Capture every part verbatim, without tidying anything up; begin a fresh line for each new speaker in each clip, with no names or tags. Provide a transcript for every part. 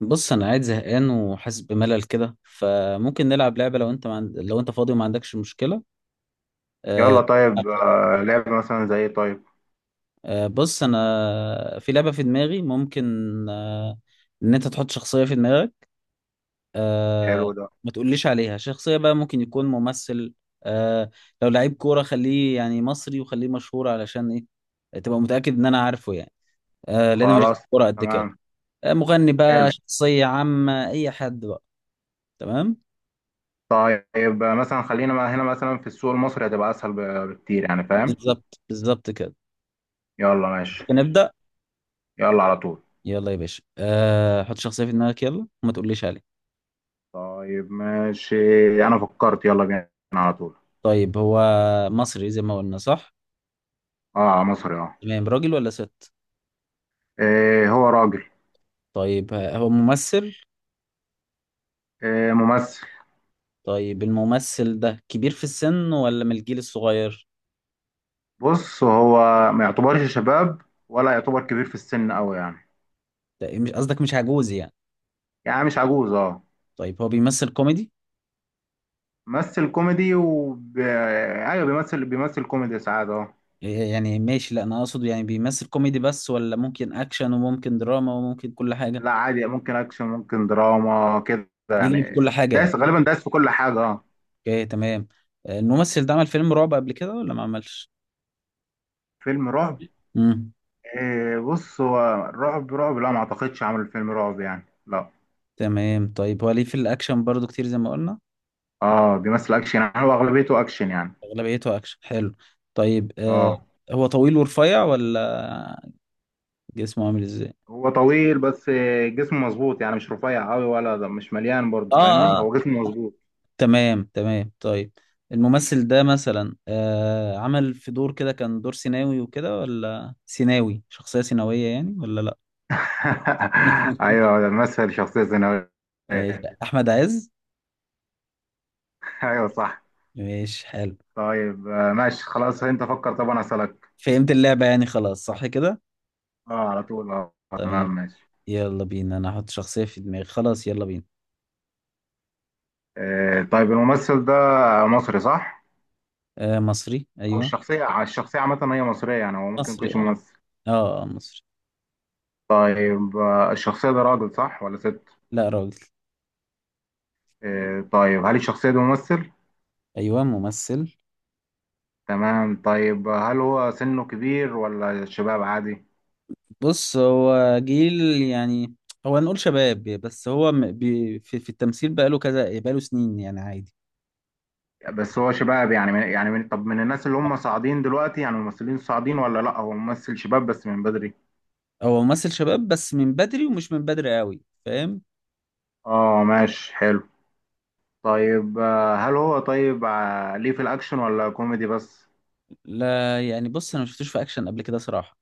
بص، انا قاعد زهقان وحاسس بملل كده، فممكن نلعب لعبه. لو انت ما عند... لو انت فاضي وما عندكش مشكله. آه،
يلا طيب آه، لعبة مثلا زي طيب.
آه، بص انا في لعبه في دماغي، ممكن. آه، ان انت تحط شخصيه في دماغك. آه،
حلو ده.
ما تقوليش عليها، شخصيه بقى، ممكن يكون ممثل. آه، لو لعيب كوره خليه يعني مصري، وخليه مشهور، علشان ايه تبقى متاكد ان انا عارفه يعني. آه، لان أنا ماليش في
خلاص.
الكوره قد كده.
تمام.
آه، مغني
حلو.
بقى، شخصيه عامه، اي حد بقى. تمام.
طيب آه، مثلا خلينا ما هنا مثلا في السوق المصري هتبقى أسهل ب- بكتير يعني فاهم.
بالظبط بالظبط كده.
يلا ماشي.
نبدأ.
يلا على طول.
يلا يا باشا، أه حط شخصية في دماغك، يلا، وما تقوليش عليه.
طيب ماشي، أنا فكرت يلا بينا على طول.
طيب، هو مصري زي ما قلنا، صح؟
اه مصري اه.
تمام. راجل ولا ست؟
إيه هو راجل.
طيب، آه، هو ممثل؟
إيه ممثل.
طيب، الممثل ده كبير في السن ولا من الجيل الصغير؟
بص هو ما يعتبرش شباب ولا يعتبر كبير في السن أوي يعني.
لا، مش قصدك، مش عجوز يعني.
يعني مش عجوز اه.
طيب، هو بيمثل كوميدي؟
ممثل كوميدي وب... ايوه بيمثل بيمثل كوميدي ساعات اه.
إيه يعني؟ ماشي، لا انا اقصد يعني بيمثل كوميدي بس، ولا ممكن اكشن وممكن دراما وممكن كل حاجة؟
لا عادي، ممكن اكشن ممكن دراما كده يعني.
بيليه في كل حاجة يعني؟
دايس غالبا، دايس في كل حاجه اه.
اوكي، تمام. آه، الممثل ده عمل فيلم رعب قبل كده ولا ما عملش؟
فيلم رعب؟
مم.
إيه بص هو رعب رعب لا ما اعتقدش عمل فيلم رعب يعني لا.
تمام، طيب هو ليه في الاكشن برضو كتير زي ما قلنا؟
اه بيمثل اكشن، يعني هو اغلبيته اكشن يعني.
اغلبيته اكشن، حلو. طيب، آه
اه
هو طويل ورفيع، ولا جسمه عامل ازاي؟
هو طويل بس آه، جسمه مظبوط، يعني مش رفيع قوي ولا ده مش مليان
اه،
برضه، فاهمني؟
اه. آه.
هو جسمه مظبوط.
تمام، تمام. طيب الممثل ده مثلا آه عمل في دور كده كان دور سيناوي وكده، ولا سيناوي، شخصية سيناوية يعني، ولا لا؟
ايوه ده مثل شخصيه ثانويه.
ماشي، احمد عز.
ايوه صح.
ماشي، حلو.
طيب آه، ماشي خلاص، انت فكر طب انا اسالك.
فهمت اللعبة يعني، خلاص، صح كده؟
اه على طول اه،
تمام.
تمام ماشي.
يلا بينا، انا هحط شخصية في دماغي، خلاص، يلا بينا.
آه، طيب الممثل ده مصري صح؟
آه، مصري،
أو
ايوه.
الشخصية، الشخصية عامة هي مصرية يعني، هو ممكن
مصري،
يكونش
اه.
ممثل.
اه. آه، مصري.
طيب آه، الشخصية ده راجل صح ولا ست؟
لا، راجل.
آه، طيب هل الشخصية دي ممثل؟
ايوه، ممثل.
تمام. طيب هل هو سنه كبير ولا شباب عادي؟
بص، هو جيل يعني. هو نقول شباب، بس هو م- بي في, في التمثيل بقاله كذا، بقاله سنين يعني، عادي.
بس هو شباب، يعني من يعني من طب من الناس اللي هم صاعدين دلوقتي، يعني الممثلين صاعدين ولا لا؟ هو ممثل شباب بس من بدري.
هو ممثل شباب بس من بدري، ومش من بدري قوي، فاهم؟
اه ماشي حلو. طيب آه، هل هو طيب آه، ليه في الاكشن ولا كوميدي بس؟
لا يعني، بص، انا ما شفتوش في اكشن قبل كده صراحة.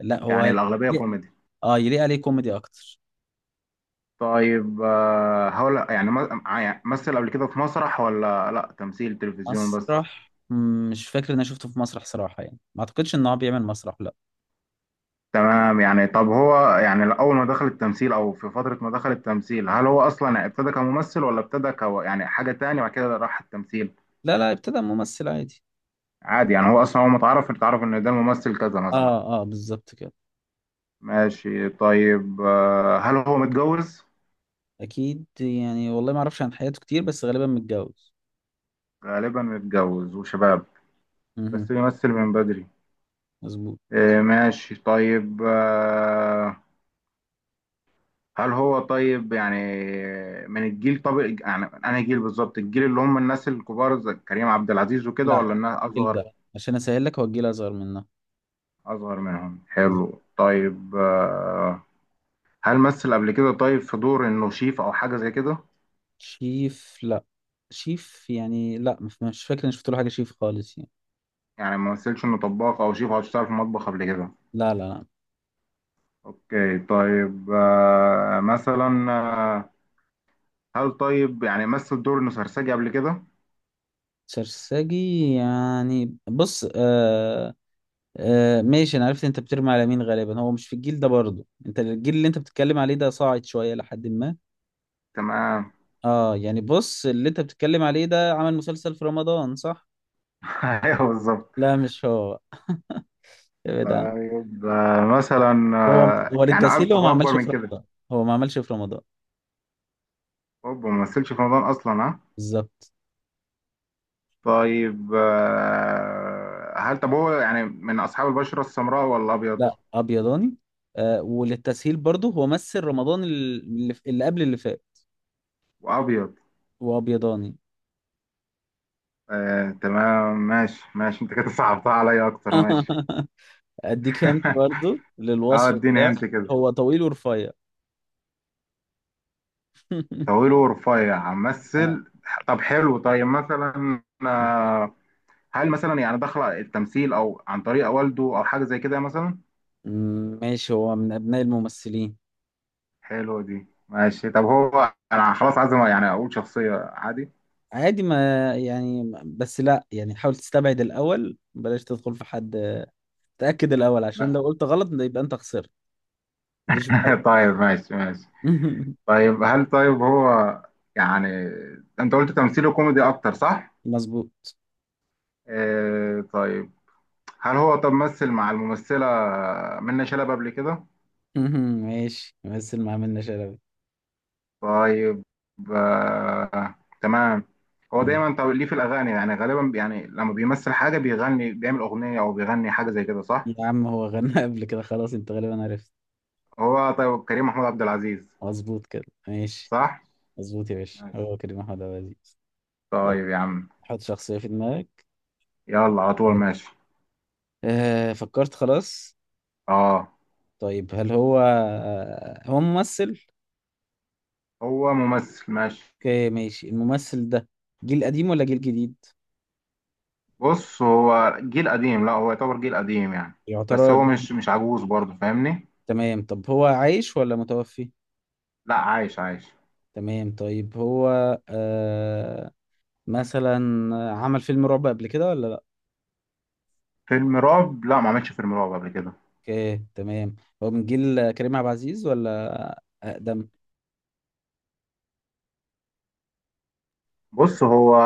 لا هو
يعني الاغلبية
يليق-
كوميدي.
اه، يليق عليه كوميدي اكتر.
طيب آه، هقول يعني م- يعني مثل قبل كده في مسرح ولا لا، تمثيل تلفزيون بس.
مسرح، مم، مش فاكر ان انا شفته في مسرح صراحة، يعني ما اعتقدش ان هو بيعمل مسرح، لا.
تمام يعني، طب هو يعني اول ما دخل التمثيل او في فترة ما دخل التمثيل هل هو اصلا ابتدى كممثل ولا ابتدى ك يعني حاجة تانية بعد كده راح التمثيل؟
لا لا، ابتدى ممثل عادي.
عادي يعني هو اصلا، هو متعرف اتعرف ان ده ممثل كذا مثلا.
اه اه، بالظبط كده.
ماشي. طيب آه، هل هو متجوز؟
اكيد يعني، والله ما اعرفش عن حياته كتير، بس غالبا متجوز.
غالبا متجوز وشباب،
امم.
بس بيمثل من بدري.
مظبوط.
آه، ماشي. طيب آه، هل هو طيب يعني من الجيل، طب يعني انا جيل بالظبط، الجيل اللي هم الناس الكبار زي كريم عبد العزيز وكده
لا،
ولا الناس
كل
اصغر؟
ده عشان اسهل لك، هو الجيل اصغر منه.
اصغر منهم
مظبوط.
حلو. طيب آه، هل مثل قبل كده طيب في دور انه شيف او حاجه زي كده؟
شيف؟ لا. شيف يعني؟ لا، مش مش فاكر اني شفت له حاجه شيف خالص يعني.
يعني ما مثلش انه طباخ او شيف او اشتغل في مطبخ قبل كده؟
لا لا لا.
اوكي. طيب آه، مثلا آه، هل طيب يعني مثل دور انه سرسجي قبل كده؟
سرساجي؟ يعني بص، آه آه ماشي، انا عرفت انت بترمي على مين. غالبا هو مش في الجيل ده برضه. انت الجيل اللي انت بتتكلم عليه ده صاعد شويه لحد ما.
تمام.
اه يعني، بص، اللي انت بتتكلم عليه ده عمل مسلسل في رمضان، صح؟
ايوه بالظبط.
لا، مش هو. ابعد.
طيب آه، مثلا
هو
آه،
هو
يعني أك-
للتسهيل، هو ما
هو اكبر
عملش في
من كده.
رمضان. هو ما عملش في رمضان.
اوبا، ما مثلش في رمضان اصلا ها.
بالظبط.
طيب آه، هل طب هو يعني من اصحاب البشره السمراء ولا ابيض؟
لا، ابيضاني. آه، وللتسهيل برضه، هو مثل رمضان اللي, اللي قبل اللي فات.
وابيض.
وابيضاني.
آه تمام ماشي ماشي، انت كده صعبتها عليا اكتر، ماشي.
اديك انت برضه
اه
للوصف
اديني
بتاعه.
هنت كده.
هو طويل ورفيع.
طويل ورفيع
آه.
مثل. طب حلو. طيب مثلا آه، هل مثلا يعني دخل التمثيل او عن طريق والده او حاجه زي كده مثلا؟
م- ماشي، هو من ابناء الممثلين.
حلو دي ماشي. طب هو انا خلاص عايز يعني اقول شخصيه عادي.
عادي، ما يعني، بس لا، يعني حاول تستبعد الاول، بلاش تدخل في حد. تاكد الاول عشان لو قلت غلط يبقى انت خسرت. مفيش
طيب ماشي ماشي.
محاولة.
طيب هل طيب هو يعني، انت قلت تمثيله كوميدي اكتر صح؟
مظبوط.
آه طيب، هل هو طب مثل مع الممثلة منة شلبي قبل كده؟
مهم. ماشي، مثل ما عملنا شلبي.
طيب آه، تمام. هو
ماشي
دايما طب ليه في الاغاني، يعني غالبا يعني لما بيمثل حاجة بيغني، بيعمل اغنية او بيغني حاجة زي كده صح؟
يا عم، هو غنى قبل كده، خلاص انت غالبا عرفت.
هو طيب كريم محمود عبد العزيز
مظبوط كده، ماشي.
صح؟
مظبوط يا باشا،
ماشي
هو كريم محمود عبد العزيز. طب
طيب يا عم.
حط شخصية في دماغك.
يلا على طول ماشي.
آه فكرت، خلاص.
اه
طيب، هل هو آه هو ممثل؟
هو ممثل ماشي.
اوكي، ماشي. الممثل ده جيل قديم ولا جيل جديد؟
بص هو جيل قديم، لا هو يعتبر جيل قديم يعني. بس
يعتبر
هو
قديم.
مش مش عجوز برضه، فاهمني؟
تمام، طب هو عايش ولا متوفي؟
لا عايش عايش.
تمام، طيب هو آه مثلا عمل فيلم رعب قبل كده ولا لا؟
فيلم رعب، لا ما عملش فيلم رعب قبل كده.
اوكي، تمام. هو من جيل كريم عبد العزيز ولا اقدم؟
بص هو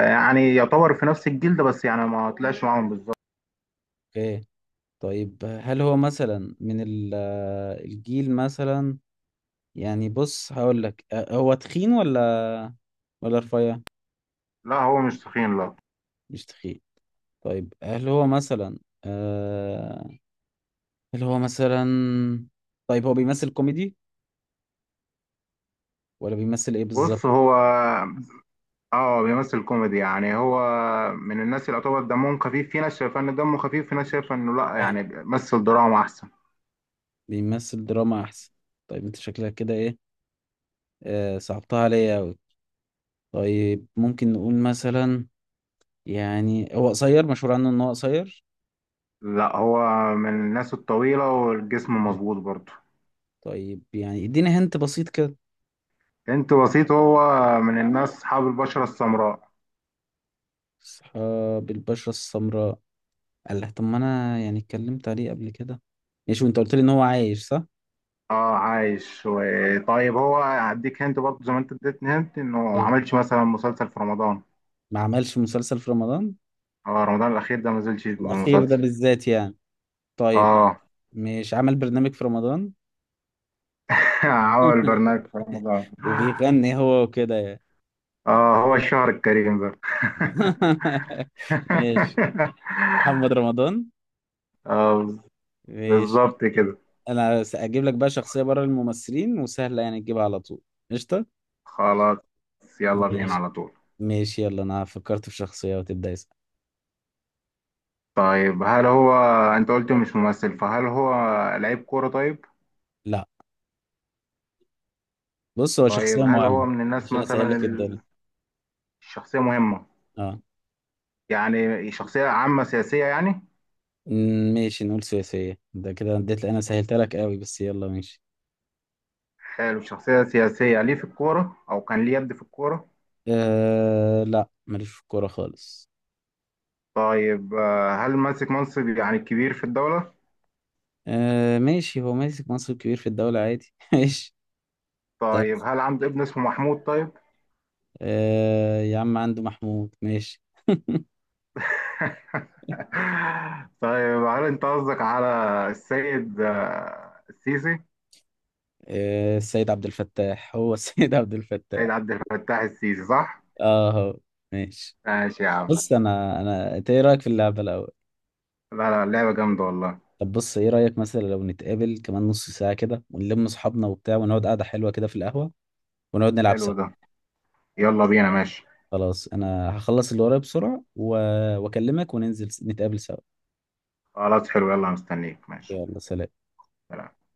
يعني يعتبر في نفس الجيل ده بس يعني ما طلعش معاهم بالظبط.
اوكي، طيب، هل هو مثلا من ال- الجيل مثلا، يعني بص، هقول لك، أه، هو تخين ولا ولا رفيع؟
لا هو مش تخين لا.
مش تخين. طيب هل هو مثلا آه هل هو مثلا طيب، هو بيمثل كوميدي ولا بيمثل ايه بالظبط؟
بص هو اه بيمثل كوميدي، يعني هو من الناس اللي يعتبر دمهم خفيف، في ناس شايفه ان دمه خفيف في ناس شايفه انه لا
آه،
يعني مثل دراما احسن.
بيمثل دراما احسن؟ طيب، انت شكلك كده ايه. آه صعبتها عليا اوي. طيب، ممكن نقول مثلا يعني هو قصير، مشهور عنه ان هو قصير؟
لا هو من الناس الطويله والجسم مظبوط برضه.
طيب يعني، اديني هنت بسيط كده.
انت بسيط، هو من الناس اصحاب البشرة السمراء.
اصحاب البشرة السمراء؟ قال لك. طب، ما انا يعني اتكلمت عليه قبل كده. ماشي، وانت قلت لي ان هو عايش، صح؟
اه عايش و... طيب هو هديك هنت برضه زي ما انت اديتني هنت، انه ما
إيه.
عملش مثلا مسلسل في رمضان.
ما عملش مسلسل في رمضان
اه رمضان الاخير ده ما نزلش
الاخير ده
بمسلسل.
بالذات، يعني؟ طيب،
اه.
مش عمل برنامج في رمضان؟
عمل برنامج في رمضان.
وبيغني هو وكده يعني.
اه هو الشهر الكريم ده.
ماشي، محمد رمضان.
آه
ماشي.
بالظبط كده.
انا هجيب لك بقى شخصية بره الممثلين، وسهلة يعني تجيبها على طول. قشطة.
خلاص يلا بينا
ماشي
على طول.
ماشي، يلا انا فكرت في شخصية، وتبدأ اسأل.
طيب هل هو، انت قلت مش ممثل فهل هو لعيب كورة طيب؟
لا، بص هو شخصية
طيب هل هو
مهمة،
من الناس
عشان اسهل
مثلا
لك
ال-
الدنيا.
الشخصية مهمة؟
اه.
يعني شخصية عامة سياسية يعني؟
م- ماشي، نقول سياسية، ده كده اديت، انا سهلت
شخص-
لك قوي، بس يلا ماشي.
حلو، شخصية سياسية ليه في الكورة أو كان ليه يد في الكورة؟
آه، لا ماليش في الكورة خالص.
طيب آه، هل ماسك منصب يعني كبير في الدولة؟
آه، ماشي، هو ماسك منصب كبير في الدولة عادي. ماشي. طب.
طيب هل عنده ابن اسمه محمود طيب؟
آه، يا عم عنده محمود، ماشي.
طيب هل أنت قصدك على السيد آه، السيسي؟
آه، السيد عبد الفتاح، هو السيد عبد
سيد
الفتاح.
عبد الفتاح السيسي صح؟
اه، هو. ماشي.
ماشي يا عم.
بص، انا انا انت ايه رايك في اللعبة الاول؟
لا لا، اللعبة جامدة والله.
طب بص، ايه رأيك مثلا لو نتقابل كمان نص ساعة كده، ونلم اصحابنا وبتاع، ونقعد قعدة حلوة كده في القهوة، ونقعد نلعب
حلو
سوا؟
ده، يلا بينا ماشي.
خلاص، انا هخلص اللي ورايا بسرعة و... واكلمك، وننزل نتقابل سوا.
خلاص حلو، يلا مستنيك ماشي.
يلا، سلام.
سلام.